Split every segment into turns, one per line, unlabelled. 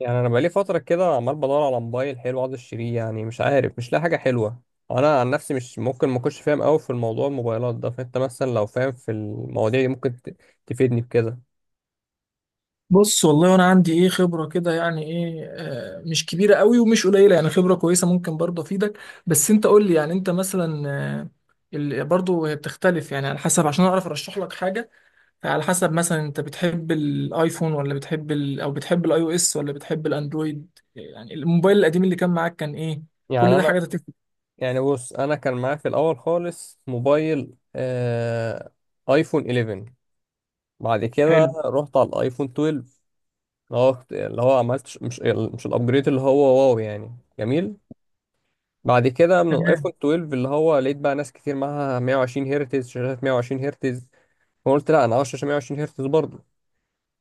يعني انا بقالي فتره كده عمال بدور على موبايل حلو، عاوز اشتريه. يعني مش عارف، مش لاقي حاجه حلوه. انا عن نفسي مش ممكن ما اكونش فاهم قوي في الموضوع الموبايلات ده، فانت مثلا لو فاهم في المواضيع دي ممكن تفيدني بكده.
بص، والله انا عندي ايه خبره كده، يعني ايه، مش كبيره قوي ومش قليله، يعني خبره كويسه، ممكن برضه افيدك. بس انت قول لي، يعني انت مثلا آه، برضه هي بتختلف يعني على حسب، عشان اعرف ارشح لك حاجه. على حسب مثلا انت بتحب الايفون ولا بتحب ال او بتحب الاي او اس ولا بتحب الاندرويد. يعني الموبايل القديم اللي كان معاك كان ايه؟ كل
يعني
ده
انا
حاجات هتفرق.
يعني بص، انا كان معايا في الاول خالص موبايل ايفون 11. بعد كده
حلو.
رحت على الايفون 12، اللي هو عملت ش- مش مش الابجريد، اللي هو واو يعني جميل. بعد كده من
تمام.
الايفون 12 اللي هو لقيت بقى ناس كتير معاها 120 هرتز، شاشات 120 هرتز. فقلت لا، انا عاوز شاشه 120 هرتز برضه.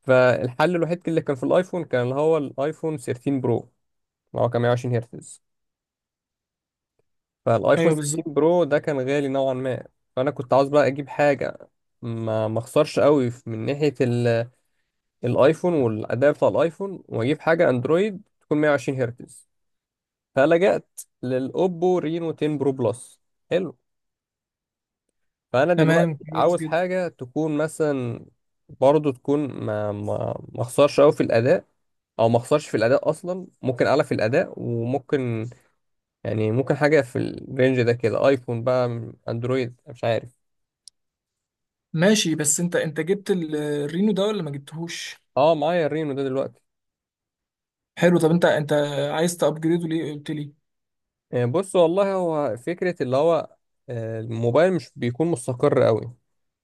فالحل الوحيد اللي كان في الايفون كان اللي هو الايفون 13 برو، اللي هو كان 120 هرتز. فالايفون
ايوه بالظبط.
13 برو ده كان غالي نوعا ما. فانا كنت عاوز بقى اجيب حاجه ما اخسرش قوي من ناحيه الايفون والاداء بتاع الايفون، واجيب حاجه اندرويد تكون 120 هرتز. فلجأت للاوبو رينو 10 برو بلس. حلو. فانا
تمام،
دلوقتي
كويس
عاوز
جدا.
حاجه تكون مثلا برضه تكون ما اخسرش قوي في الاداء، او ما اخسرش في الاداء اصلا، ممكن اعلى في الاداء، وممكن يعني ممكن حاجه في الرينج ده كده. ايفون بقى، اندرويد، مش عارف.
ماشي، بس انت جبت الرينو ده ولا ما جبتهوش؟
اه معايا الرينو ده دلوقتي.
حلو، طب انت عايز تابجريده ليه قلت لي؟
بص والله، هو فكره اللي هو الموبايل مش بيكون مستقر قوي.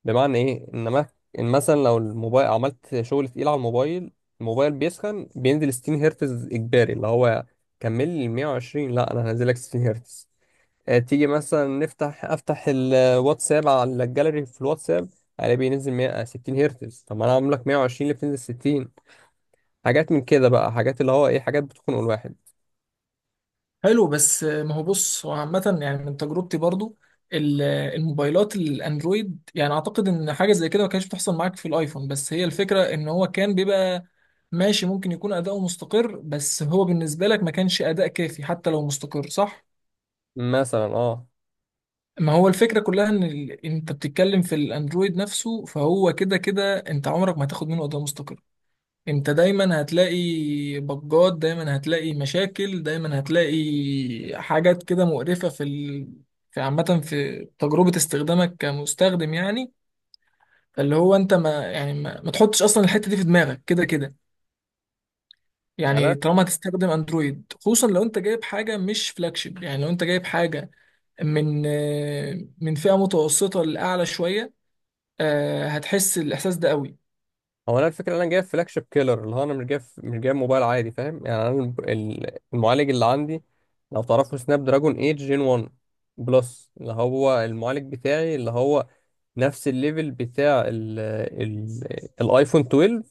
بمعنى ايه؟ ان ما- إن مثلا لو الموبايل عملت شغل تقيل على الموبايل، الموبايل بيسخن، بينزل 60 هرتز اجباري. اللي هو كمل لي 120، لا، انا هنزلك 60 هرتز. تيجي مثلا افتح الواتساب، على الجاليري في الواتساب الاقي بينزل 100 60 هرتز. طب ما انا عامل لك 120 اللي بتنزل 60؟ حاجات من كده بقى، حاجات اللي هو ايه، حاجات بتخنق الواحد.
حلو، بس ما هو بص، هو عامه يعني من تجربتي برضو الموبايلات الاندرويد، يعني اعتقد ان حاجه زي كده ما كانتش بتحصل معاك في الايفون. بس هي الفكره ان هو كان بيبقى ماشي، ممكن يكون اداؤه مستقر، بس هو بالنسبه لك ما كانش اداء كافي حتى لو مستقر، صح؟
مثلا اه.
ما هو الفكره كلها ان انت بتتكلم في الاندرويد نفسه، فهو كده كده انت عمرك ما هتاخد منه اداء مستقر. انت دايما هتلاقي بجات، دايما هتلاقي مشاكل، دايما هتلاقي حاجات كده مقرفة في في عامة في تجربة استخدامك كمستخدم، يعني اللي هو انت ما يعني ما تحطش اصلا الحتة دي في دماغك. كده كده
يعني أنا-
يعني طالما هتستخدم اندرويد، خصوصا لو انت جايب حاجة مش فلاجشيب. يعني لو انت جايب حاجة من من فئة متوسطة لأعلى شوية، هتحس الإحساس ده قوي.
هو انا الفكره انا جايب فلاج شيب كيلر، اللي هو انا مش جايب موبايل عادي، فاهم؟ يعني انا المعالج اللي عندي، لو تعرفوا، سناب دراجون 8 جين 1 بلس، اللي هو المعالج بتاعي، اللي هو نفس الليفل بتاع ال ال الايفون 12.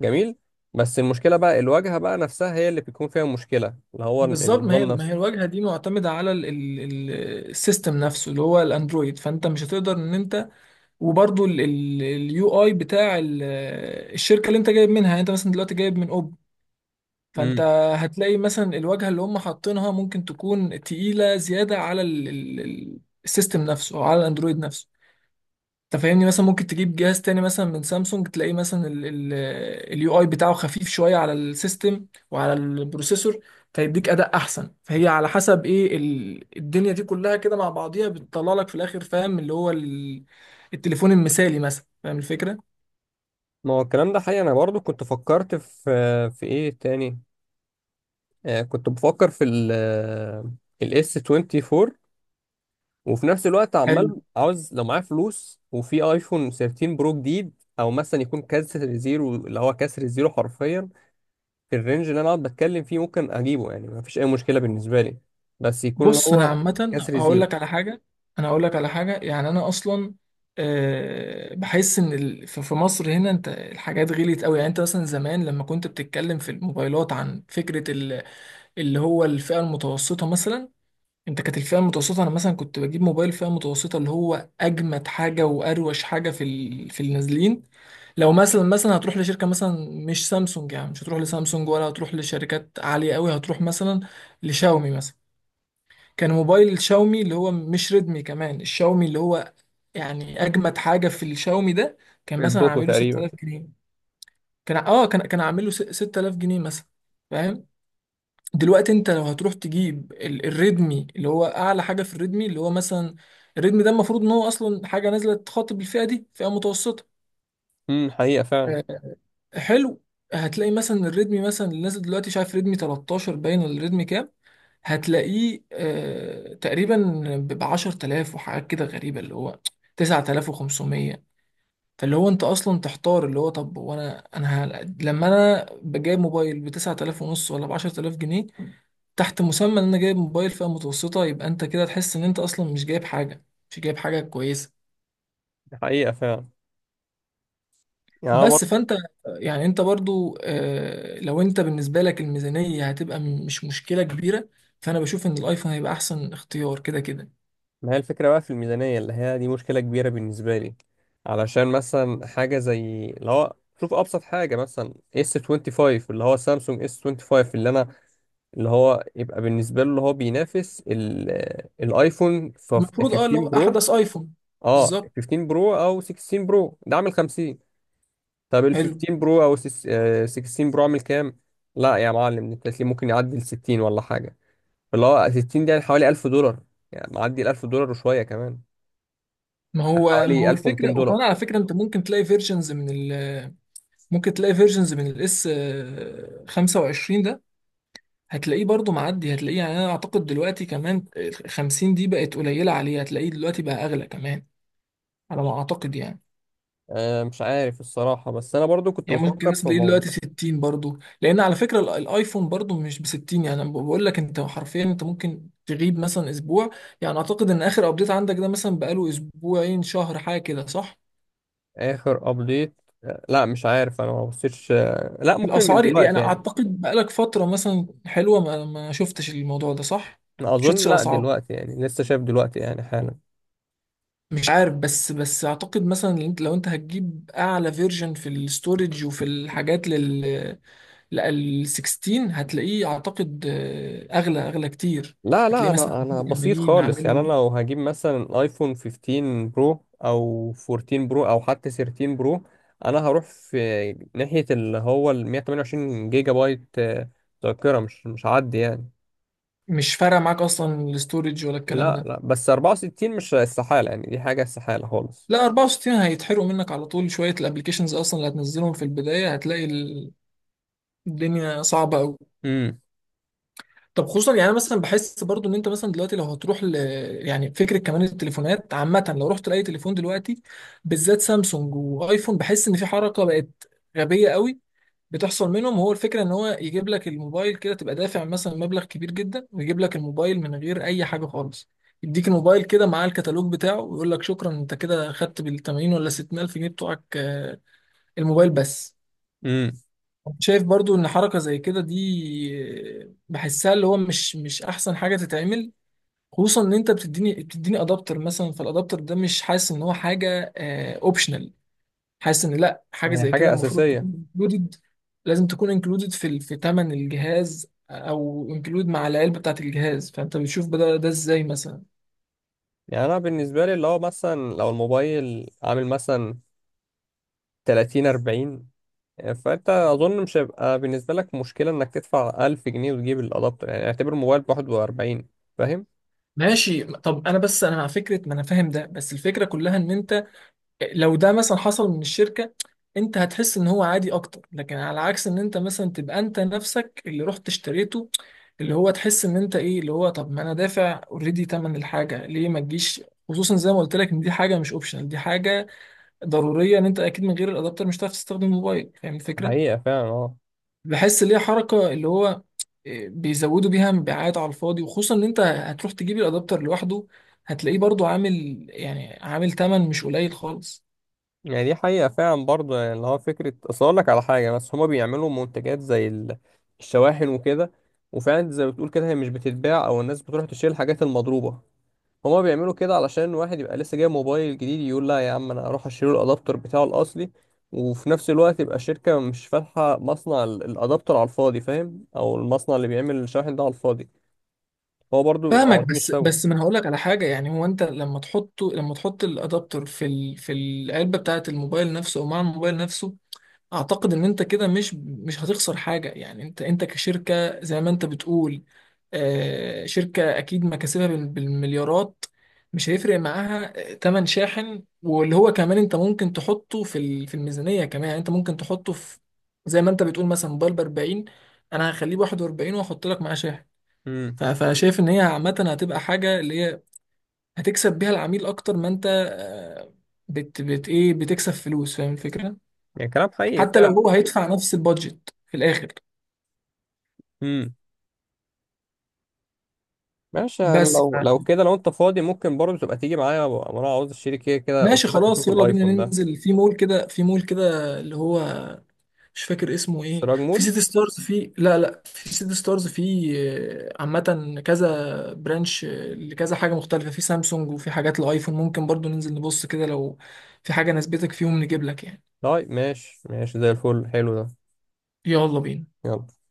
جميل. بس المشكله بقى، الواجهه بقى نفسها هي اللي بيكون فيها مشكله، اللي هو
بالظبط، ما
النظام
هي ما هي
نفسه.
الواجهه دي معتمده على السيستم نفسه اللي هو الاندرويد، فانت مش هتقدر ان انت وبرده اليو اي بتاع الشركه اللي انت جايب منها. يعني انت مثلا دلوقتي جايب من اوب، فانت
امم
هتلاقي مثلا الواجهه اللي هم حاطينها ممكن تكون تقيله زياده على السيستم نفسه او على الاندرويد نفسه. انت فاهمني؟ مثلا ممكن تجيب جهاز تاني مثلا من سامسونج، تلاقيه مثلا اليو اي بتاعه خفيف شويه على السيستم وعلى البروسيسور، فيديك اداء احسن. فهي على حسب ايه الدنيا دي كلها كده مع بعضيها بتطلع لك في الاخر، فاهم؟ اللي هو التليفون المثالي مثلا، فاهم الفكره؟
ما هو الكلام ده حقيقي. انا برضو كنت فكرت في في ايه تاني، آه كنت بفكر في الاس 24. وفي نفس الوقت
حلو.
عمال عاوز لو معايا فلوس وفي ايفون 13 برو جديد، او مثلا يكون كسر زيرو، اللي هو كسر زيرو حرفيا. في الرينج اللي انا اقعد بتكلم فيه ممكن اجيبه، يعني ما فيش اي مشكله بالنسبه لي، بس يكون اللي
بص، انا
هو
عامه
كسر
هقول
زيرو.
لك على حاجه، انا هقول لك على حاجه، يعني انا اصلا بحس ان في في مصر هنا انت الحاجات غليت قوي. يعني انت مثلا زمان لما كنت بتتكلم في الموبايلات عن فكره اللي هو الفئة المتوسطة مثلا، انت كانت الفئة المتوسطة انا مثلا كنت بجيب موبايل فئة متوسطة اللي هو اجمد حاجة واروش حاجة في في النازلين. لو مثلا هتروح لشركة مثلا مش سامسونج، يعني مش هتروح لسامسونج ولا هتروح لشركات عالية قوي، هتروح مثلا لشاومي مثلا. كان موبايل شاومي اللي هو مش ريدمي كمان، الشاومي اللي هو يعني اجمد حاجة في الشاومي ده كان مثلا
البوكو
عامله
تقريبا.
6000 جنيه. كان اه كان كان عامله 6000 جنيه مثلا، فاهم؟ دلوقتي انت لو هتروح تجيب الريدمي اللي هو اعلى حاجه في الريدمي، اللي هو مثلا الريدمي ده المفروض ان هو اصلا حاجه نازله تخاطب الفئه دي، فئه متوسطه،
حقيقه فعلا.
آه، حلو. هتلاقي مثلا الريدمي مثلا اللي نازل دلوقتي، شايف ريدمي 13 باين ولا ريدمي كام، هتلاقيه تقريبا ب 10,000 وحاجات كده غريبه، اللي هو 9,500. فاللي هو انت اصلا تحتار، اللي هو طب وانا لما انا بجايب موبايل ب 9,000 ونص ولا ب 10,000 جنيه تحت مسمى ان انا جايب موبايل فئة متوسطة، يبقى انت كده تحس ان انت اصلا مش جايب حاجة، مش جايب حاجة كويسة.
دي حقيقه فعلا. يعني انا
بس
برضه
فانت يعني انت برضو لو انت بالنسبة لك الميزانية هتبقى مش مشكلة كبيرة، فانا بشوف ان الايفون هيبقى احسن اختيار كده كده.
ما هي الفكره بقى في الميزانيه اللي هي دي مشكله كبيره بالنسبه لي. علشان مثلا حاجه زي اللي هو، شوف ابسط حاجه، مثلا اس 25، اللي هو سامسونج اس 25، اللي انا اللي هو يبقى بالنسبه له اللي هو بينافس الايفون
المفروض
15
اه لو
برو.
احدث ايفون،
اه،
بالظبط،
15 برو او 16 برو ده عامل 50. طب ال
حلو.
15 برو او 16 برو عامل كام؟ لا يا معلم، انت هتلاقيه ممكن يعدي ال 60 ولا حاجه. اللي هو 60 ده يعني حوالي 1000 دولار، يعني معدي ال 1000 دولار وشويه كمان،
ما هو ما
حوالي
هو
1200
الفكرة،
دولار
وكمان على فكرة انت ممكن تلاقي فيرجنز من ال ممكن تلاقي فيرجنز من الاس 25 ده، هتلاقيه برضو معدي، هتلاقيه يعني انا اعتقد دلوقتي كمان 50 دي بقت قليله عليه، هتلاقيه دلوقتي بقى اغلى كمان، على ما اعتقد يعني.
مش عارف الصراحه، بس انا برضو كنت
يعني ممكن
بفكر
الناس
في
تلاقيه
موضوع.
دلوقتي 60 برضو، لان على فكره الايفون برضو مش ب 60، يعني أنا بقول لك انت حرفيا انت ممكن تغيب مثلا اسبوع. يعني اعتقد ان اخر ابديت عندك ده مثلا بقاله اسبوعين شهر حاجه كده، صح؟
اخر ابديت لا مش عارف، انا ما بصيتش. لا، ممكن من
الاسعار يعني
دلوقتي يعني.
اعتقد بقالك فتره مثلا حلوه ما ما شفتش الموضوع ده، صح؟ ما
اظن
شفتش
لا،
الاسعار
دلوقتي يعني لسه شايف دلوقتي يعني حالا.
مش عارف، بس اعتقد مثلا ان انت، لو انت هتجيب اعلى فيرجن في الاستورج وفي الحاجات لل لا، ال 16 هتلاقيه اعتقد اغلى كتير.
لا لا،
هتلاقيه مثلا
انا بسيط
80
خالص.
عامل
يعني انا
له،
لو هجيب مثلا ايفون 15 برو او 14 برو او حتى 13 برو، انا هروح في ناحية اللي هو ال 128 جيجا بايت. ذاكرة مش هعدي يعني.
مش فارقه معاك اصلا الاستورج ولا الكلام
لا
ده؟
لا، بس 64 مش استحالة، يعني دي حاجة استحالة خالص.
لا 64 هيتحرقوا منك على طول شويه، الابلكيشنز اصلا اللي هتنزلهم في البدايه هتلاقي الدنيا صعبه قوي.
امم
طب خصوصا يعني أنا مثلا بحس برضو ان انت مثلا دلوقتي لو هتروح يعني فكره كمان التليفونات عامه لو رحت لاي تليفون دلوقتي، بالذات سامسونج وايفون، بحس ان في حركه بقت غبيه قوي بتحصل منهم. هو الفكره ان هو يجيب لك الموبايل كده تبقى دافع مثلا مبلغ كبير جدا ويجيب لك الموبايل من غير اي حاجه خالص. يديك الموبايل كده مع الكتالوج بتاعه ويقول لك شكرا، انت كده خدت بال 80 ولا 60 الف جنيه بتوعك الموبايل بس.
امم
شايف برضو ان حركه زي كده دي بحسها اللي هو مش احسن حاجه تتعمل. خصوصا ان انت بتديني ادابتر مثلا، فالادابتر ده مش حاسس ان هو حاجه اوبشنال. حاسس ان لا، حاجه
هي
زي كده
حاجة
المفروض تكون
أساسية.
انكلودد، لازم تكون انكلودد في في ثمن الجهاز او انكلود مع العلبه بتاعت الجهاز. فانت بتشوف ده ازاي مثلا؟
يعني أنا بالنسبة لي اللي هو مثلا لو الموبايل عامل مثلا 30 40، فانت اظن مش هيبقى بالنسبه لك مشكله انك تدفع 1000 جنيه وتجيب الادابتر، يعني اعتبر موبايل ب 41. فاهم؟
ماشي طب انا بس انا مع فكره، ما انا فاهم ده، بس الفكره كلها ان انت لو ده مثلا حصل من الشركة، انت هتحس ان هو عادي اكتر، لكن على عكس ان انت مثلا تبقى انت نفسك اللي رحت اشتريته، اللي هو تحس ان انت ايه اللي هو، طب ما انا دافع اوريدي تمن الحاجة، ليه ما تجيش؟ خصوصا زي ما قلت لك ان دي حاجة مش اوبشنال، دي حاجة ضرورية. ان انت اكيد من غير الادابتر مش هتعرف تستخدم الموبايل، فاهم الفكرة؟
حقيقه فعلا اه.
بحس ليه حركة اللي هو بيزودوا بيها مبيعات على الفاضي. وخصوصا ان انت هتروح تجيب الادابتر لوحده، هتلاقيه برضو عامل يعني عامل تمن مش قليل خالص.
يعني دي حقيقه فعلا برضه، يعني اللي هو فكره، اصل اقول لك على حاجه، بس هما بيعملوا منتجات زي الشواحن وكده، وفعلا زي ما بتقول كده هي مش بتتباع، او الناس بتروح تشتري الحاجات المضروبه. هما بيعملوا كده علشان واحد يبقى لسه جايب موبايل جديد يقول لا يا عم، انا هروح اشتري الادابتر بتاعه الاصلي. وفي نفس الوقت يبقى الشركة مش فاتحة مصنع الادابتر على الفاضي، فاهم؟ او المصنع اللي بيعمل الشاحن ده على الفاضي. هو برضو
فاهمك،
عاوزين
بس
يكسبوا.
بس ما انا هقول لك على حاجه، يعني هو انت لما تحطه، لما تحط الادابتر في في العلبه بتاعه الموبايل نفسه او مع الموبايل نفسه، اعتقد ان انت كده مش هتخسر حاجه. يعني انت كشركه، زي ما انت بتقول، آه شركه اكيد مكاسبها بالمليارات، مش هيفرق معاها تمن شاحن. واللي هو كمان انت ممكن تحطه في في الميزانيه كمان، يعني انت ممكن تحطه في، زي ما انت بتقول مثلا موبايل ب 40، انا هخليه ب 41 واحط لك معاه شاحن.
امم
فانا شايف ان هي عامه هتبقى حاجه اللي هي هتكسب بيها العميل اكتر ما انت بت بت ايه بتكسب فلوس، فاهم الفكره؟
يعني كلام حقيقي
حتى لو
فعلا.
هو هيدفع نفس البادجت في الاخر.
امم ماشي. يعني
بس
لو
ف-
كده، لو انت فاضي ممكن برضه تبقى تيجي معايا، انا عاوز اشتري كده كده، قلت
ماشي
لك
خلاص،
اشوف
يلا بينا
الايفون ده.
ننزل في مول كده، في مول كده اللي هو مش فاكر اسمه ايه،
سراج
في
مول.
سيتي ستارز، في لا، في سيتي ستارز، في عامه كذا برانش لكذا حاجه مختلفه، في سامسونج وفي حاجات الايفون، ممكن برضو ننزل نبص كده لو في حاجه نسبتك فيهم نجيب لك يعني.
طيب ماشي ماشي زي الفل، حلو ده.
يلا بينا.
يلا.